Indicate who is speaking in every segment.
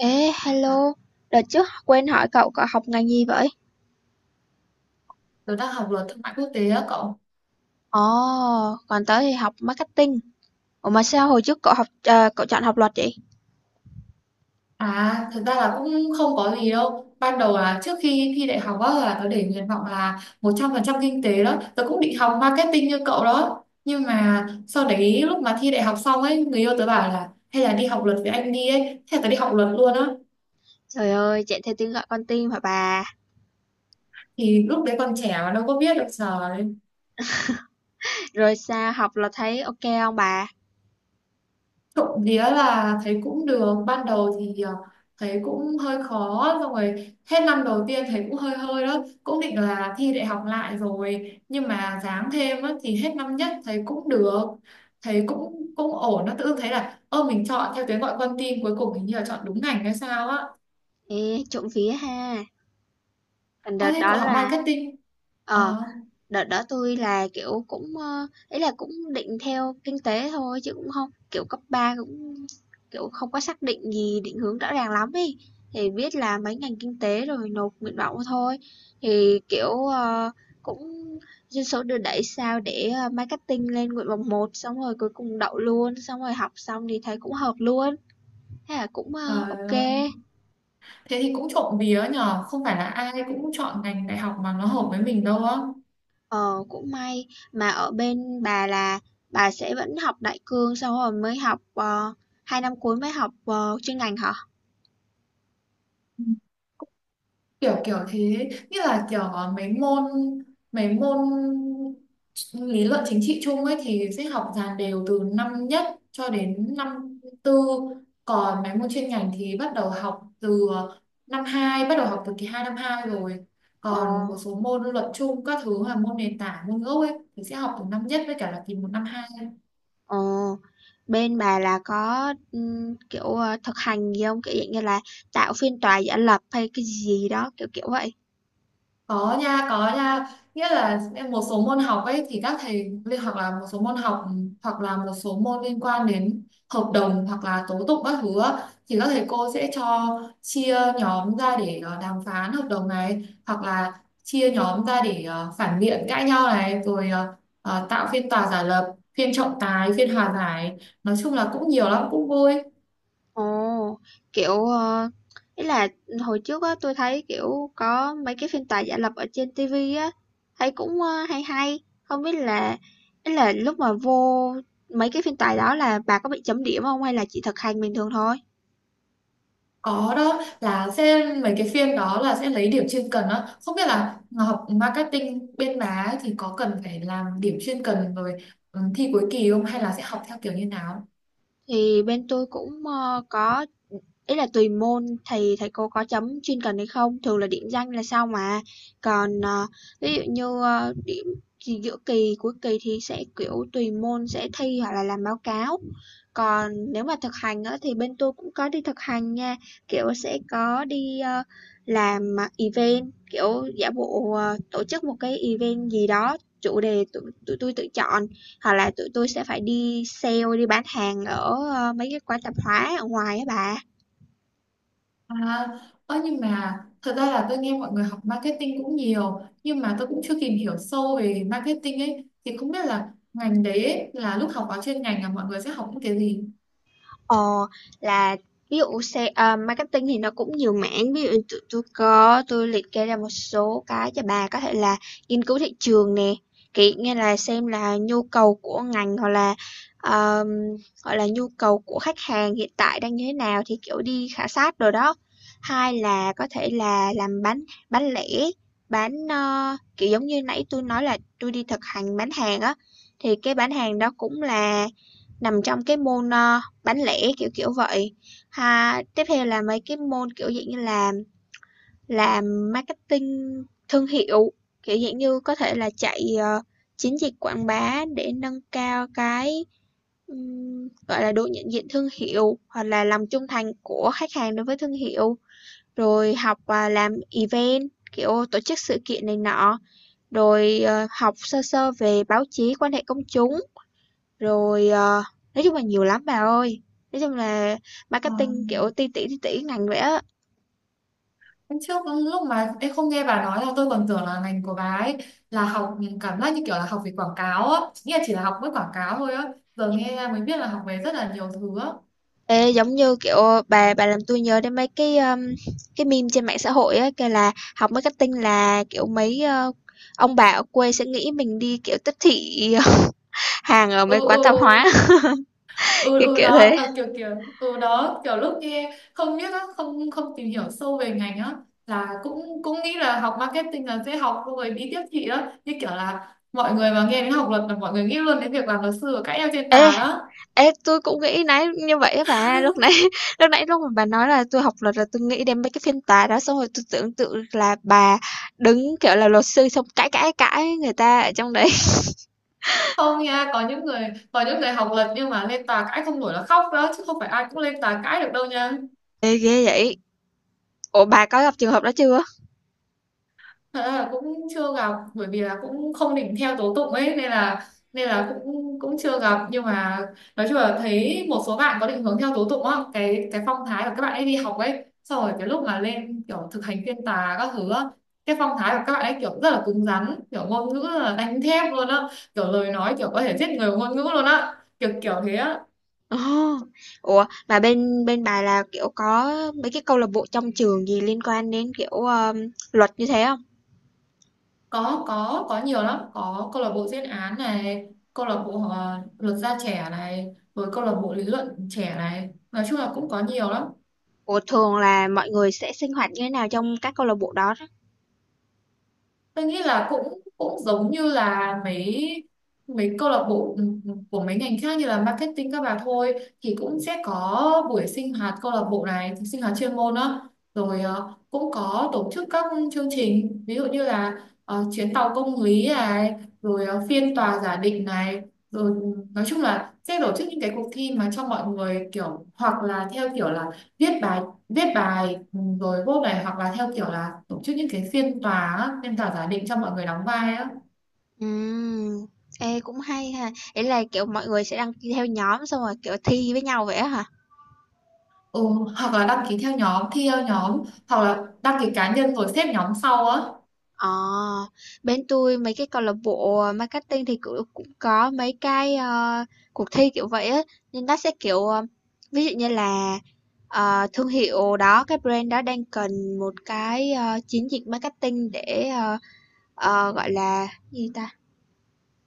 Speaker 1: Ê, hello, đợt trước quên hỏi cậu cậu học ngành gì vậy?
Speaker 2: Tớ đang học luật thương mại quốc tế á cậu.
Speaker 1: Ồ, còn tớ thì học marketing. Ủa mà sao hồi trước cậu học cậu chọn học luật vậy?
Speaker 2: À, thực ra là cũng không có gì đâu. Ban đầu là trước khi thi đại học á, là tớ để nguyện vọng là 100% kinh tế đó. Tớ cũng định học marketing như cậu đó. Nhưng mà sau đấy lúc mà thi đại học xong ấy, người yêu tớ bảo là hay là đi học luật với anh đi ấy. Thế là tớ đi học luật luôn á.
Speaker 1: Trời ơi, chạy theo tiếng gọi con tim hả bà?
Speaker 2: Thì lúc đấy còn trẻ mà đâu có biết được giờ.
Speaker 1: Rồi sao học là thấy ok không bà?
Speaker 2: Trộm vía là thấy cũng được, ban đầu thì thấy cũng hơi khó, xong rồi hết năm đầu tiên thấy cũng hơi hơi đó, cũng định là thi đại học lại rồi nhưng mà ráng thêm á, thì hết năm nhất thấy cũng được, thấy cũng cũng ổn. Nó tự dưng thấy là ơ mình chọn theo tiếng gọi con tim, cuối cùng hình như là chọn đúng ngành hay sao á.
Speaker 1: Ê, trộm vía ha. Còn
Speaker 2: Ơ
Speaker 1: đợt
Speaker 2: thế
Speaker 1: đó
Speaker 2: cậu học
Speaker 1: là
Speaker 2: marketing? Ờ.
Speaker 1: ờ đợt đó tôi là, kiểu, cũng, ý là cũng định theo kinh tế thôi chứ cũng không kiểu, cấp 3 cũng, kiểu, không có xác định gì định hướng rõ ràng lắm ấy, thì biết là mấy ngành kinh tế rồi nộp nguyện vọng thôi. Thì, kiểu, cũng dân số đưa đẩy sao để, marketing lên nguyện vọng một xong rồi cuối cùng đậu luôn, xong rồi học xong thì thấy cũng hợp luôn, thế là cũng, ơ,
Speaker 2: Trời
Speaker 1: ô
Speaker 2: ơi. Thế thì cũng trộm vía nhờ, không phải là ai cũng chọn ngành đại học mà nó hợp với mình đâu á.
Speaker 1: Ờ, cũng may mà ở bên bà là bà sẽ vẫn học đại cương sau rồi mới học hai năm cuối mới học chuyên ngành hả?
Speaker 2: Kiểu kiểu thế, như là kiểu mấy môn lý luận chính trị chung ấy thì sẽ học dàn đều từ năm nhất cho đến năm tư, còn mấy môn chuyên ngành thì bắt đầu học từ năm hai, bắt đầu học từ kỳ hai năm hai rồi,
Speaker 1: Ờ,
Speaker 2: còn một số môn luận chung các thứ là môn nền tảng, môn gốc ấy thì sẽ học từ năm nhất với cả là kỳ một năm hai.
Speaker 1: ờ. Bên bà là có kiểu thực hành gì không? Kiểu dạng như là tạo phiên tòa giả lập hay cái gì đó kiểu kiểu vậy.
Speaker 2: Có nha, có nha, nghĩa là em một số môn học ấy thì các thầy liên hoặc là một số môn học, hoặc là một số môn liên quan đến hợp đồng hoặc là tố tụng các thứ á, thì các thầy cô sẽ cho chia nhóm ra để đàm phán hợp đồng này, hoặc là chia nhóm ra để phản biện cãi nhau này, rồi tạo phiên tòa giả lập, phiên trọng tài, phiên hòa giải. Nói chung là cũng nhiều lắm, cũng vui.
Speaker 1: Ồ, kiểu, ý là hồi trước á tôi thấy, kiểu, có mấy cái phiên tòa giả lập ở trên ti vi á, thấy cũng, hay hay, không biết là ý là lúc mà vô mấy cái phiên tòa đó là bà có bị chấm điểm không hay là chỉ thực hành bình thường thôi?
Speaker 2: Có đó, là sẽ mấy cái phiên đó là sẽ lấy điểm chuyên cần đó, không biết là học marketing bên má ấy thì có cần phải làm điểm chuyên cần rồi thi cuối kỳ không, hay là sẽ học theo kiểu như nào.
Speaker 1: Thì bên tôi cũng, có ý là tùy môn thì thầy cô có chấm chuyên cần hay không, thường là điểm danh là sao mà. Còn, ví dụ như, điểm gì giữa kỳ, cuối kỳ thì sẽ, kiểu, tùy môn sẽ thi hoặc là làm báo cáo. Còn nếu mà thực hành á thì bên tôi cũng có đi thực hành nha, kiểu, sẽ có đi, làm, à, event, kiểu, giả bộ, tổ chức một cái event gì đó, chủ đề tụi tụi tôi tự chọn, hoặc là tụi tôi sẽ phải đi sale, đi bán hàng ở, mấy cái quán tạp hóa ở ngoài á bà.
Speaker 2: À, ơ nhưng mà thật ra là tôi nghe mọi người học marketing cũng nhiều, nhưng mà tôi cũng chưa tìm hiểu sâu về marketing ấy, thì không biết là ngành đấy ấy, là lúc học vào chuyên ngành là mọi người sẽ học những cái gì.
Speaker 1: Ờ, là ví dụ sale à, marketing thì nó cũng nhiều mảng, ví dụ như tụi tôi có tôi liệt kê ra một số cái cho bà có thể là nghiên cứu thị trường nè, kiểu như là xem là nhu cầu của ngành hoặc là um, gọi là nhu cầu của khách hàng hiện tại đang như thế nào thì kiểu đi khảo sát rồi đó. Hai là có thể là làm bán lẻ, bán kiểu giống như nãy tôi nói là tôi đi thực hành bán hàng á, thì cái bán hàng đó cũng là nằm trong cái môn bán lẻ, kiểu, kiểu vậy. Ha, tiếp theo là mấy cái môn, kiểu, dạng như là làm marketing thương hiệu, kiểu, dạng như có thể là chạy, chiến dịch quảng bá để nâng cao cái, gọi là, độ nhận diện thương hiệu hoặc là lòng trung thành của khách hàng đối với thương hiệu, rồi học, à, làm event, kiểu, tổ chức sự kiện này nọ, rồi, học sơ sơ về báo chí, quan hệ công chúng. Rồi, nói chung là nhiều lắm bà ơi. Nói chung là marketing kiểu ti tỉ ngành vậy á.
Speaker 2: Hôm trước lúc mà em không nghe bà nói, là tôi còn tưởng là ngành của bà ấy là học, cảm giác như kiểu là học về quảng cáo á, nghĩa là chỉ là học với quảng cáo thôi á. Giờ nghe mới biết là học về rất là nhiều thứ á.
Speaker 1: Ê, giống như kiểu bà làm tôi nhớ đến mấy cái meme trên mạng xã hội á kêu là học marketing là kiểu mấy ông bà ở quê sẽ nghĩ mình đi kiểu tiếp thị hàng ở
Speaker 2: Ừ,
Speaker 1: mấy quán tạp hóa
Speaker 2: ừ, ừ,
Speaker 1: cái
Speaker 2: ừ,
Speaker 1: kiểu
Speaker 2: đó
Speaker 1: thế.
Speaker 2: là kiểu kiểu. Ừ đó, kiểu lúc nghe không biết á, không không tìm hiểu sâu về ngành á, là cũng cũng nghĩ là học marketing là sẽ học xong rồi đi tiếp thị á, như kiểu là mọi người mà nghe đến học luật là mọi người nghĩ luôn đến việc làm luật sư và cãi nhau trên
Speaker 1: Ê,
Speaker 2: tà đó.
Speaker 1: Ê, tôi cũng nghĩ nãy như vậy á bà, lúc nãy lúc nãy lúc mà bà nói là tôi học luật là tôi nghĩ đến mấy cái phiên tòa đó, xong rồi tôi tưởng tượng là bà đứng kiểu là luật sư xong cãi cãi cãi người ta ở trong đấy.
Speaker 2: Không nha, có những người học lệch nhưng mà lên tòa cãi không nổi là khóc đó, chứ không phải ai cũng lên tòa cãi được đâu nha.
Speaker 1: Ê, ghê vậy. Ủa bà có gặp trường hợp đó chưa?
Speaker 2: Thật ra là cũng chưa gặp, bởi vì là cũng không định theo tố tụng ấy nên là cũng cũng chưa gặp, nhưng mà nói chung là thấy một số bạn có định hướng theo tố tụng á, cái phong thái của các bạn ấy đi học ấy, xong rồi cái lúc mà lên kiểu thực hành phiên tòa các thứ á, cái phong thái của các bạn ấy kiểu rất là cứng rắn, kiểu ngôn ngữ là đánh thép luôn á, kiểu lời nói kiểu có thể giết người bằng ngôn ngữ luôn á, kiểu kiểu thế á.
Speaker 1: Ồ, ủa mà bên bên bà là kiểu có mấy cái câu lạc bộ trong trường gì liên quan đến kiểu luật như thế không?
Speaker 2: Có nhiều lắm, có câu lạc bộ diễn án này, câu lạc bộ luật gia trẻ này, rồi câu lạc bộ lý luận trẻ này, nói chung là cũng có nhiều lắm.
Speaker 1: Ủa thường là mọi người sẽ sinh hoạt như thế nào trong các câu lạc bộ đó?
Speaker 2: Tôi nghĩ là cũng cũng giống như là mấy mấy câu lạc bộ của mấy ngành khác như là marketing các bà thôi, thì cũng sẽ có buổi sinh hoạt câu lạc bộ này, sinh hoạt chuyên môn đó. Rồi cũng có tổ chức các chương trình, ví dụ như là chuyến tàu công lý này, rồi phiên tòa giả định này, rồi nói chung là sẽ tổ chức những cái cuộc thi mà cho mọi người, kiểu hoặc là theo kiểu là viết bài, rồi vote này, hoặc là theo kiểu là tổ chức những cái phiên tòa á, phiên tòa giả định cho mọi người đóng vai á.
Speaker 1: Ừm, ê, cũng hay ha. Ý là, kiểu, mọi người sẽ đăng ký theo nhóm xong rồi, kiểu, thi với nhau vậy á hả?
Speaker 2: Ừ, hoặc là đăng ký theo nhóm thi theo nhóm, hoặc là đăng ký cá nhân rồi xếp nhóm sau á.
Speaker 1: Ờ, bên tôi mấy cái câu lạc bộ marketing thì cũng cũng có mấy cái cuộc thi kiểu vậy á, nhưng nó sẽ kiểu ví dụ như là thương hiệu đó, cái brand đó đang cần một cái chiến dịch marketing để gọi là gì ta?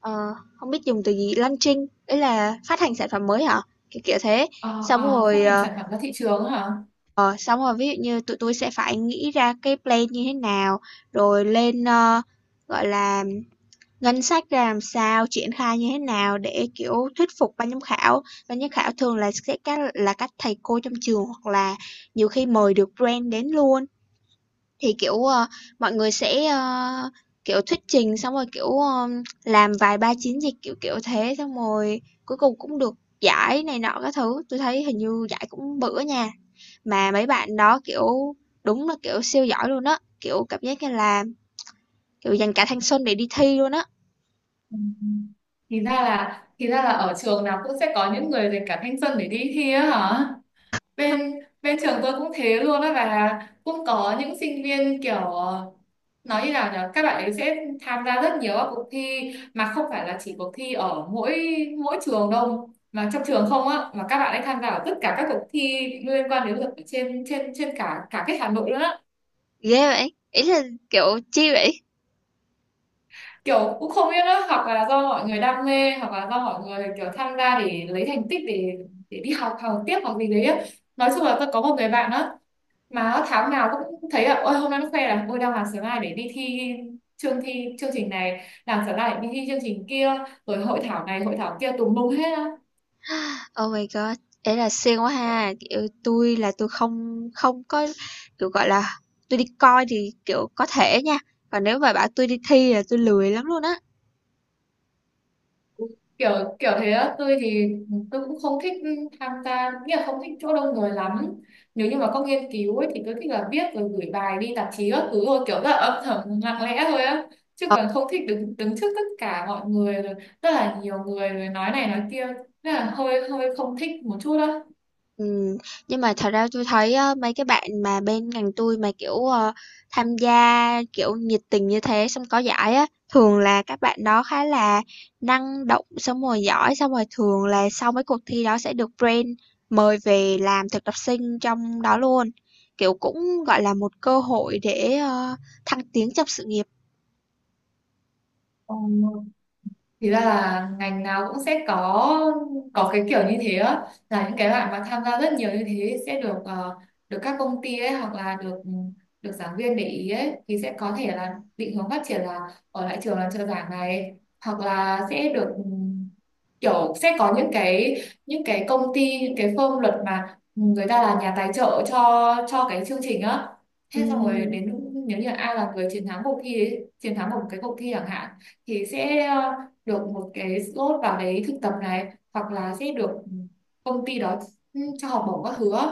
Speaker 1: Ờ, không biết dùng từ gì, launching, ý là phát hành sản phẩm mới hả? Kiểu kiểu thế.
Speaker 2: Ờ,
Speaker 1: Xong
Speaker 2: ờ, phát
Speaker 1: rồi
Speaker 2: hành sản phẩm ra thị trường hả?
Speaker 1: ờ, xong rồi ví dụ như tụi tôi sẽ phải nghĩ ra cái plan như thế nào, rồi lên gọi là ngân sách ra làm sao, triển khai như thế nào để kiểu thuyết phục ban giám khảo. Ban giám khảo thường là sẽ các thầy cô trong trường hoặc là nhiều khi mời được brand đến luôn. Thì kiểu mọi người sẽ kiểu thuyết trình xong rồi kiểu làm vài ba chiến dịch kiểu kiểu thế xong rồi cuối cùng cũng được giải này nọ các thứ. Tôi thấy hình như giải cũng bự á nha. Mà mấy bạn đó, kiểu, đúng là, kiểu, siêu giỏi luôn á, kiểu, cảm giác như là, kiểu, dành cả thanh xuân để đi thi luôn á.
Speaker 2: Ừ. Thì ra là ở trường nào cũng sẽ có những người dành cả thanh xuân để đi thi á hả? Bên Bên trường tôi cũng thế luôn á, và cũng có những sinh viên kiểu nói như nào nhỉ, các bạn ấy sẽ tham gia rất nhiều các cuộc thi mà không phải là chỉ cuộc thi ở mỗi mỗi trường đâu, mà trong trường không á, mà các bạn ấy tham gia ở tất cả các cuộc thi liên quan đến luật ở trên trên trên cả cả cái Hà Nội luôn á.
Speaker 1: Ghê vậy, ý là, kiểu, chi vậy?
Speaker 2: Kiểu cũng không biết nữa, hoặc là do mọi người đam mê, hoặc là do mọi người kiểu tham gia để lấy thành tích, để đi học, học tiếp hoặc gì đấy á. Nói chung là tôi có một người bạn đó, mà tháng nào cũng thấy là ôi hôm nay nó khoe là ôi đang làm sớm này để đi thi, chương trình này, làm sớm này đi thi chương trình kia, rồi hội thảo này hội thảo kia tùm lum hết á.
Speaker 1: Oh my god, ý là siêng quá ha, kiểu, tôi là tôi không không có, kiểu, gọi là, tôi đi coi thì, kiểu, có thể nha, còn nếu mà bảo tôi đi thi là tôi lười lắm luôn á.
Speaker 2: Kiểu kiểu thế á, tôi thì tôi cũng không thích tham gia, nghĩa là không thích chỗ đông người lắm, nếu như mà có nghiên cứu ấy, thì tôi thích là viết rồi gửi bài đi tạp chí các thứ thôi, kiểu rất là âm thầm lặng lẽ thôi á, chứ còn không thích đứng đứng trước tất cả mọi người, rồi rất là nhiều người rồi nói này nói kia, rất là hơi hơi không thích một chút á.
Speaker 1: Ừm, nhưng mà thật ra tôi thấy á, mấy cái bạn mà bên ngành tôi mà, kiểu, tham gia, kiểu, nhiệt tình như thế xong có giải á, thường là các bạn đó khá là năng động, xong rồi giỏi, xong rồi thường là sau mấy cuộc thi đó sẽ được brand mời về làm thực tập sinh trong đó luôn. Kiểu cũng gọi là một cơ hội để thăng tiến trong sự nghiệp.
Speaker 2: Ờ. Thì ra là ngành nào cũng sẽ có cái kiểu như thế á, là những cái bạn mà tham gia rất nhiều như thế sẽ được được các công ty ấy, hoặc là được được giảng viên để ý ấy, thì sẽ có thể là định hướng phát triển là ở lại trường làm trợ giảng này, hoặc là sẽ được kiểu sẽ có những cái công ty, những cái firm luật mà người ta là nhà tài trợ cho cái chương trình á, thế xong rồi
Speaker 1: Ừm,
Speaker 2: đến lúc nếu như ai là người chiến thắng cuộc thi ấy, chiến thắng một cái cuộc thi chẳng hạn, thì sẽ được một cái slot vào đấy thực tập này, hoặc là sẽ được công ty đó cho học bổng các thứ á.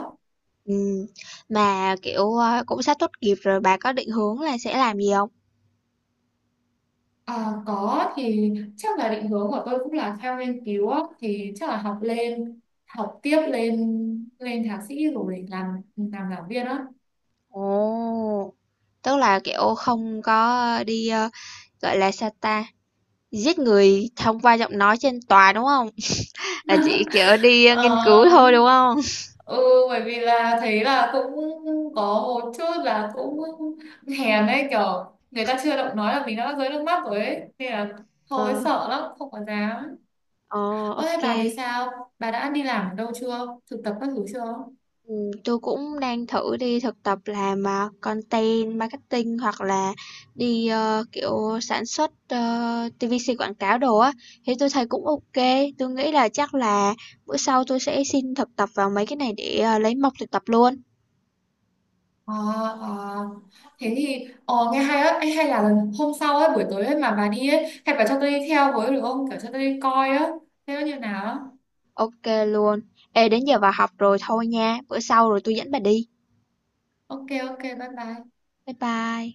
Speaker 1: ừm. Mà kiểu cũng sắp tốt nghiệp rồi bà có định hướng là sẽ làm gì không?
Speaker 2: À, có, thì chắc là định hướng của tôi cũng là theo nghiên cứu á, thì chắc là học lên, học tiếp lên lên thạc sĩ rồi làm giảng viên á.
Speaker 1: Ồ, tức là, kiểu, không có đi, gọi là, sao ta, giết người thông qua giọng nói trên tòa, đúng không? Là chỉ, kiểu, đi, nghiên cứu
Speaker 2: Ờ,
Speaker 1: thôi, đúng không?
Speaker 2: ừ, bởi vì là thấy là cũng có một chút là cũng hèn ấy, kiểu người ta chưa động nói là mình đã rơi nước mắt rồi ấy, nên là thôi
Speaker 1: Ờ,
Speaker 2: sợ lắm không có dám.
Speaker 1: ồ, ô
Speaker 2: Ơ thế
Speaker 1: kê.
Speaker 2: bà thì sao? Bà đã đi làm ở đâu chưa? Thực tập các thứ chưa?
Speaker 1: Ừm, cũng đang thử đi thực tập làm, à, content marketing hoặc là đi, kiểu, sản xuất, TVC quảng cáo đồ á, thì tôi thấy cũng ok tôi nghĩ là chắc là bữa sau tôi sẽ xin thực tập vào mấy cái này để, lấy mộc thực tập luôn.
Speaker 2: À, à. Thế thì nghe hay á. Ê, hay là lần hôm sau ấy, buổi tối ấy mà bà đi ấy, hay bà cho tôi đi theo với được không? Kiểu cho tôi đi coi á, thế nó như nào á.
Speaker 1: Ok luôn, ê đến giờ vào học rồi thôi nha, bữa sau rồi tôi dẫn bà đi,
Speaker 2: Ok, ok, bye bye.
Speaker 1: bye bye